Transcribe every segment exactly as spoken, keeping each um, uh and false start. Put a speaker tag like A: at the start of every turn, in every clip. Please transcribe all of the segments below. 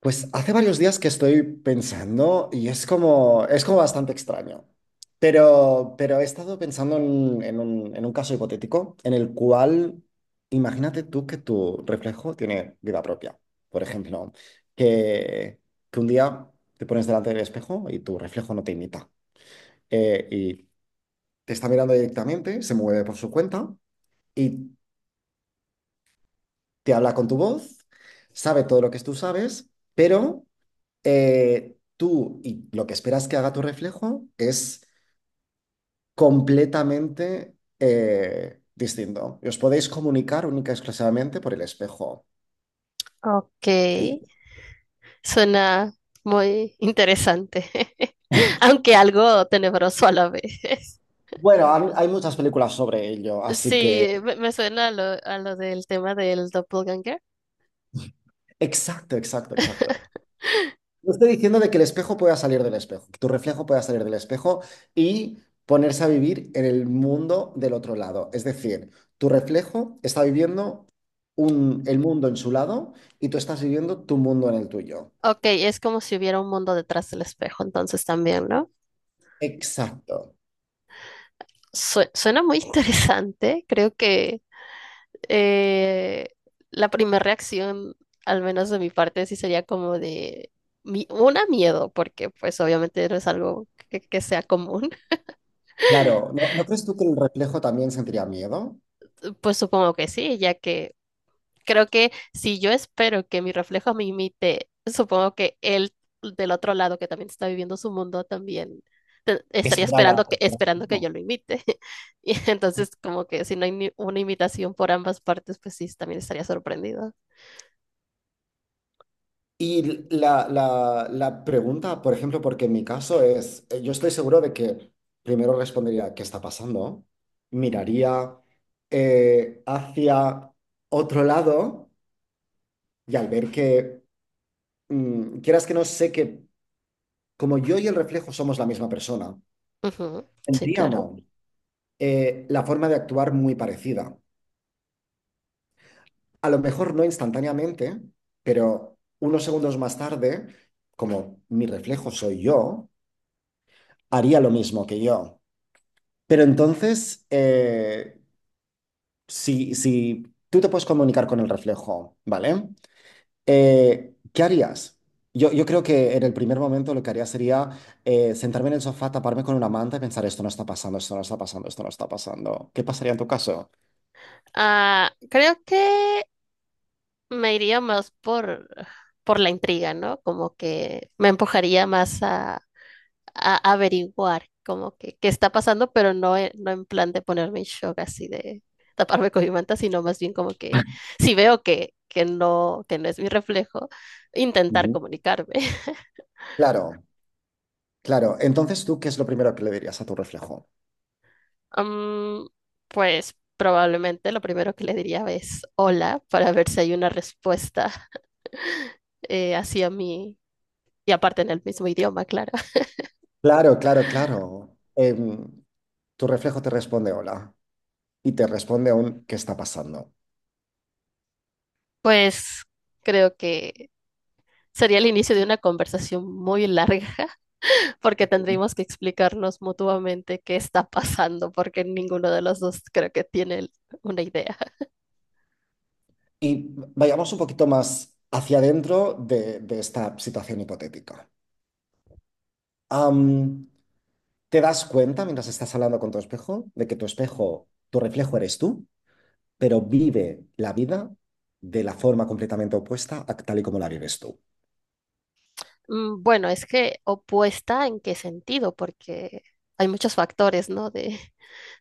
A: Pues hace varios días que estoy pensando y es como, es como bastante extraño. Pero, pero he estado pensando en, en un, en un caso hipotético en el cual imagínate tú que tu reflejo tiene vida propia. Por ejemplo, que, que un día te pones delante del espejo y tu reflejo no te imita. Eh, y te está mirando directamente, se mueve por su cuenta y te habla con tu voz, sabe todo lo que tú sabes, pero eh, tú y lo que esperas que haga tu reflejo es completamente eh, distinto. Y os podéis comunicar única y exclusivamente por el espejo.
B: Ok,
A: Y-
B: suena muy interesante, aunque algo tenebroso a la vez.
A: Bueno, han- hay muchas películas sobre ello, así
B: Sí,
A: que...
B: me, me suena a lo, a lo del tema del doppelganger.
A: Exacto, exacto, exacto. No estoy diciendo de que el espejo pueda salir del espejo, que tu reflejo pueda salir del espejo y ponerse a vivir en el mundo del otro lado. Es decir, tu reflejo está viviendo un- el mundo en su lado y tú estás viviendo tu mundo en el tuyo.
B: Ok, es como si hubiera un mundo detrás del espejo, entonces también, ¿no?
A: Exacto.
B: Sue- suena muy interesante. Creo que eh, la primera reacción, al menos de mi parte, sí sería como de mi- una miedo, porque pues obviamente no es algo que, que sea común.
A: Claro, ¿no, no crees tú que el reflejo también sentiría miedo?
B: Pues supongo que sí, ya que creo que si yo espero que mi reflejo me imite, supongo que él del otro lado que también está viviendo su mundo también te- estaría
A: Espera la...
B: esperando que,
A: espera.
B: esperando que yo lo imite. Y entonces como que si no hay ni una imitación por ambas partes, pues sí, también estaría sorprendido.
A: Y la, la, la pregunta, por ejemplo, porque en mi caso es, eh, yo estoy seguro de que primero respondería, ¿qué está pasando? Miraría eh, hacia otro lado y al ver que, mm, quieras que no sé que como yo y el reflejo somos la misma persona,
B: Ujú. Sí, claro.
A: tendríamos eh, la forma de actuar muy parecida. A lo mejor no instantáneamente, pero unos segundos más tarde, como mi reflejo soy yo, haría lo mismo que yo. Pero entonces, eh, si, si tú te puedes comunicar con el reflejo, ¿vale? Eh, ¿qué harías? Yo, yo creo que en el primer momento lo que haría sería eh, sentarme en el sofá, taparme con una manta y pensar, esto no está pasando, esto no está pasando, esto no está pasando. ¿Qué pasaría en tu caso?
B: Ah, creo que me iría más por, por la intriga, ¿no? Como que me empujaría más a averiguar como que qué está pasando, pero no, e- no en plan de ponerme en shock así de taparme con mi manta, sino más bien como que si veo que, que no, que no es mi reflejo, intentar
A: Ujú.
B: comunicarme.
A: Claro, claro. Entonces, ¿tú qué es lo primero que le dirías a tu reflejo?
B: Am, pues probablemente lo primero que le diría es hola para ver si hay una respuesta eh, hacia mí y aparte en el mismo idioma, claro.
A: Claro, claro, claro. Em, tu reflejo te responde hola y te responde un ¿qué está pasando?
B: Pues creo que sería el inicio de una conversación muy larga porque tendríamos que explicarnos mutuamente qué está pasando, porque ninguno de los dos creo que tiene una idea.
A: Y vayamos un poquito más hacia adentro de, de esta situación hipotética. Am, ¿te das cuenta mientras estás hablando con tu espejo de que tu espejo, tu reflejo eres tú, pero vive la vida de la forma completamente opuesta a tal y como la vives tú?
B: Mm, Bueno, es que opuesta en qué sentido, porque hay muchos factores, ¿no? De,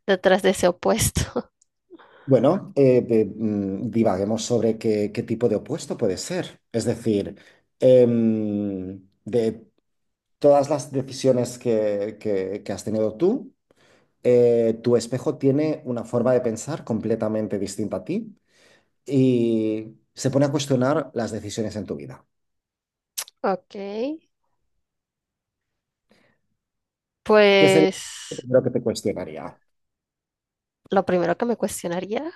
B: detrás de ese opuesto.
A: Bueno, eh, de- mm, divaguemos sobre qué, qué tipo de opuesto puede ser. Es decir, em, de todas las decisiones que, que que has tenido tú. Eh, tu espejo tiene una forma de pensar completamente distinta a ti y se pone a cuestionar las decisiones en tu vida.
B: Ok,
A: ¿Qué sería lo
B: pues
A: primero que te cuestionaría?
B: lo primero que me cuestionaría,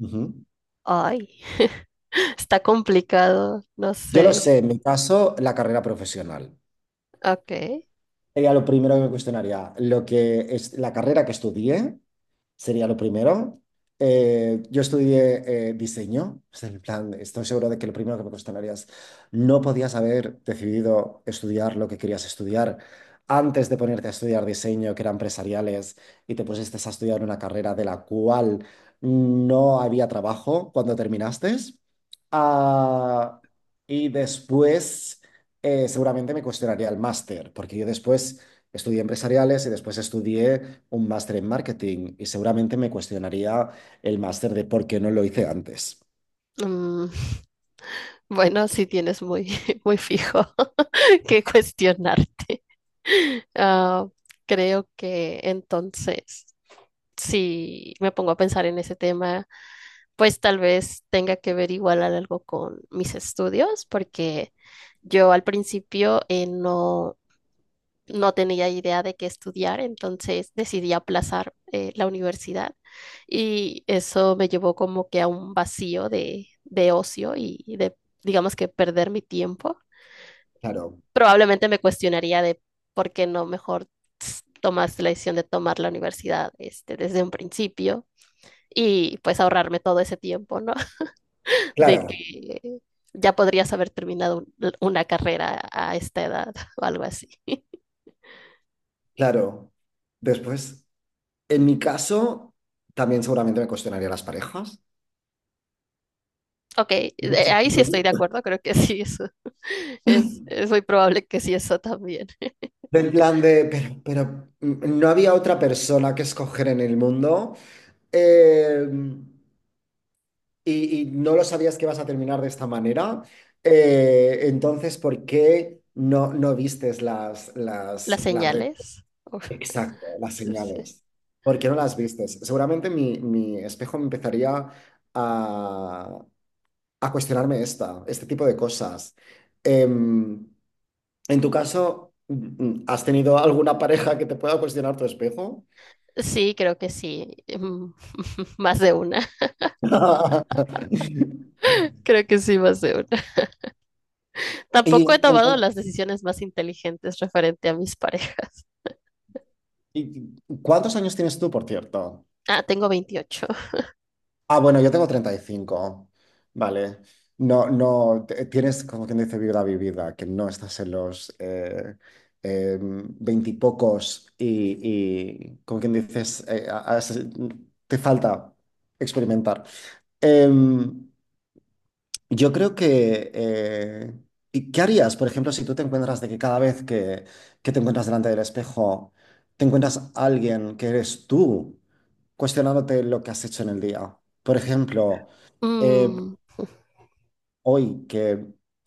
A: Ujú.
B: ay, está complicado, no
A: Yo lo
B: sé.
A: sé, en mi caso, la carrera profesional.
B: Ok.
A: Sería lo primero que me cuestionaría. Lo que es la carrera que estudié sería lo primero. Eh, yo estudié eh, diseño. O sea, en plan, estoy seguro de que lo primero que me cuestionaría es, no podías haber decidido estudiar lo que querías estudiar antes de ponerte a estudiar diseño, que era empresariales, y te pusiste a estudiar una carrera de la cual no había trabajo cuando terminaste. Ah, y después eh, seguramente me cuestionaría el máster, porque yo después estudié empresariales y después estudié un máster en marketing y seguramente me cuestionaría el máster de por qué no lo hice antes.
B: mm, Bueno, sí tienes muy, muy fijo que cuestionarte. Ah, creo que entonces, si me pongo a pensar en ese tema, pues tal vez tenga que ver igual algo con mis estudios, porque yo al principio eh, no no tenía idea de qué estudiar, entonces decidí aplazar eh, la universidad y eso me llevó como que a un vacío de, de ocio y de, digamos que perder mi tiempo.
A: Claro,
B: Probablemente me cuestionaría de por qué no mejor ts- tomaste la decisión de tomar la universidad este, desde un principio y pues ahorrarme todo ese tiempo, ¿no? De
A: claro,
B: que ya podrías haber terminado un- una carrera a esta edad o algo así.
A: claro. Después, en mi caso, también seguramente me cuestionaría las parejas.
B: Ok, de- ahí
A: Exacto.
B: sí estoy de acuerdo, creo que sí, eso es, es muy probable que sí, eso también.
A: Del plan de, pero, pero mm, no había otra persona que escoger en el mundo. Eh, y, y no lo sabías que ibas a terminar de esta manera, eh, entonces, ¿por qué no, no vistes las,
B: Las
A: las, las red?
B: señales. Uf,
A: Exacto, las
B: sí.
A: señales. ¿Por qué no las vistes? Seguramente mi, mi espejo me empezaría a, a cuestionarme esta, este tipo de cosas. Em, en tu caso, mm, ¿has tenido alguna pareja que te pueda cuestionar tu espejo?
B: Sí, creo que sí, mm, más de una, creo que sí, más de una.
A: ¿Y,
B: Tampoco he tomado
A: entonces-
B: las decisiones más inteligentes referente a mis parejas.
A: y- y- cuántos años tienes tú, por cierto?
B: Ah, tengo veintiocho.
A: Ah, bueno, yo tengo treinta y cinco. Vale. No, no, te- tienes, como quien dice, vida vivida, que no estás en los eh, eh, veintipocos y, y, como quien dices, eh, a- a- te falta experimentar. Em, yo creo que... eh, ¿y ¿Qué harías, por ejemplo, si tú te encuentras de que cada vez que, que te encuentras delante del espejo, te encuentras a alguien que eres tú, cuestionándote lo que has hecho en el día? Por ejemplo, eh,
B: Mm,
A: hoy que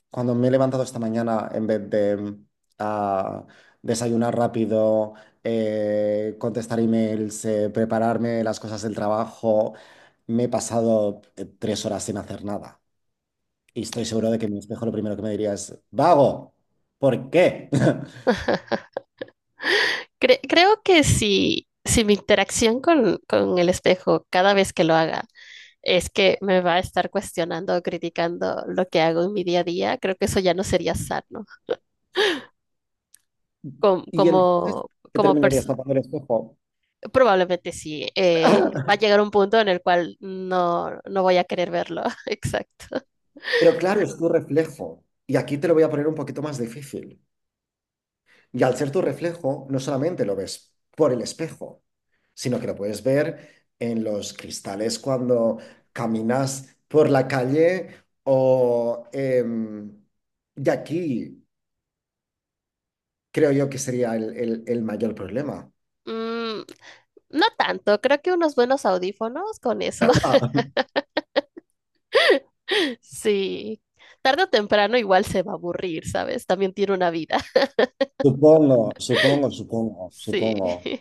A: cuando me he levantado esta mañana, en vez de mm, ah, desayunar rápido, eh, contestar emails, eh, prepararme las cosas del trabajo, me he pasado eh, tres horas sin hacer nada. Y estoy seguro de que mi espejo lo primero que me diría es, vago, ¿por qué?
B: Cre- creo que si, si mi interacción con, con el espejo cada vez que lo haga es que me va a estar cuestionando o criticando lo que hago en mi día a día, creo que eso ya no sería sano com-
A: Y entonces
B: como,
A: te
B: como,
A: terminarías
B: persona.
A: tapando el espejo.
B: Probablemente sí. Eh, va a llegar un punto en el cual no, no voy a querer verlo. Exacto.
A: Pero claro, es tu reflejo. Y aquí te lo voy a poner un poquito más difícil. Y al ser tu reflejo, no solamente lo ves por el espejo, sino que lo puedes ver en los cristales cuando caminas por la calle o... em, y aquí creo yo que sería el, el- el mayor problema.
B: Mm, no tanto. Creo que unos buenos audífonos con eso.
A: Ah,
B: Sí. Tarde o temprano igual se va a aburrir, ¿sabes? También tiene una vida.
A: supongo, supongo, supongo,
B: Sí.
A: supongo.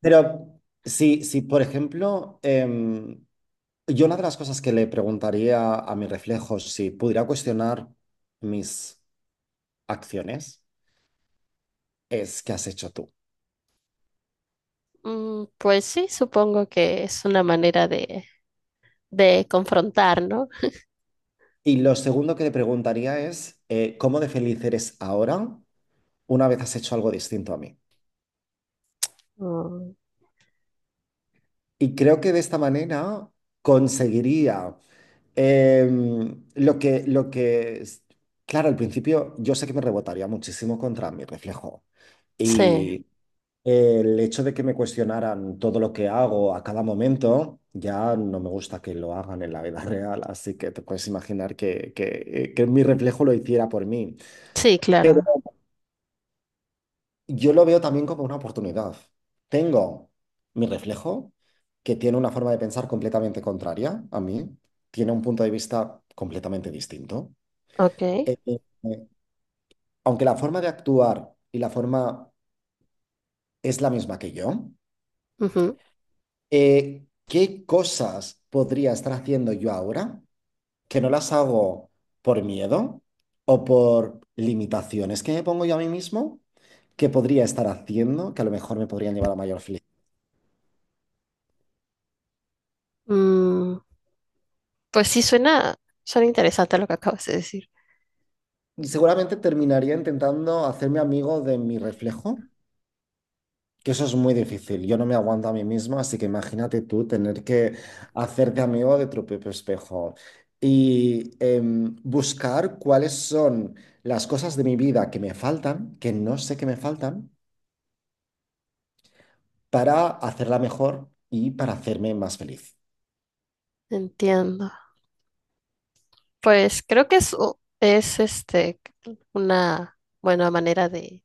A: Pero si, si por ejemplo, em, yo una de las cosas que le preguntaría a mi reflejo, si pudiera cuestionar mis acciones, es qué has hecho tú.
B: Mm, pues sí, supongo que es una manera de, de confrontar, ¿no?
A: Y lo segundo que le preguntaría es eh, cómo de feliz eres ahora una vez has hecho algo distinto a mí.
B: Mm,
A: Y creo que de esta manera conseguiría em, lo que, lo que, es- claro, al principio yo sé que me rebotaría muchísimo contra mi reflejo.
B: sí,
A: Y el hecho de que me cuestionaran todo lo que hago a cada momento, ya no me gusta que lo hagan en la vida real, así que te puedes imaginar que, que, eh, que mi reflejo lo hiciera por mí.
B: sí,
A: Pero
B: claro.
A: yo lo veo también como una oportunidad. Tengo mi reflejo, que tiene una forma de pensar completamente contraria a mí, tiene un punto de vista completamente distinto.
B: Ok.
A: Eh, eh, eh, aunque la forma de actuar y la forma es la misma que yo,
B: Ujú.
A: eh, ¿qué cosas podría estar haciendo yo ahora que no las hago por miedo o por limitaciones que me pongo yo a mí mismo? ¿Qué podría estar haciendo, que a lo mejor me podrían llevar a mayor?
B: Mm, pues sí, suena, suena interesante lo que acabas de decir.
A: Y seguramente terminaría intentando hacerme amigo de mi reflejo, que eso es muy difícil. Yo no me aguanto a mí mismo, así que imagínate tú tener que hacerte amigo de tu propio espejo y em, buscar cuáles son las cosas de mi vida que me faltan, que no sé que me faltan, para hacerla mejor y para hacerme más feliz.
B: Entiendo. Pues creo que es, u- es este, una buena manera de,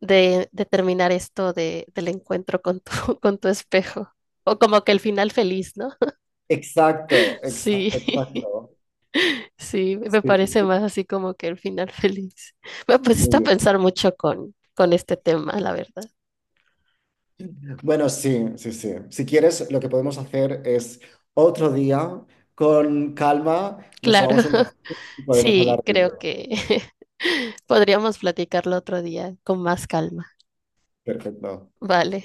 B: de, de terminar esto de, del encuentro con tu, con tu espejo. O como que el final feliz, ¿no?
A: Exacto, exacto,
B: Sí.
A: exacto.
B: Sí, me
A: Sí,
B: parece más así como que el final feliz. Me
A: muy
B: pusiste a
A: bien.
B: pensar mucho con, con este tema, la verdad.
A: Bueno, sí, sí, sí. Si quieres, lo que podemos hacer es otro día, con calma, nos
B: Claro,
A: tomamos un café y podemos
B: sí,
A: hablar del
B: creo
A: tema.
B: que podríamos platicarlo otro día con más calma.
A: Perfecto.
B: Vale.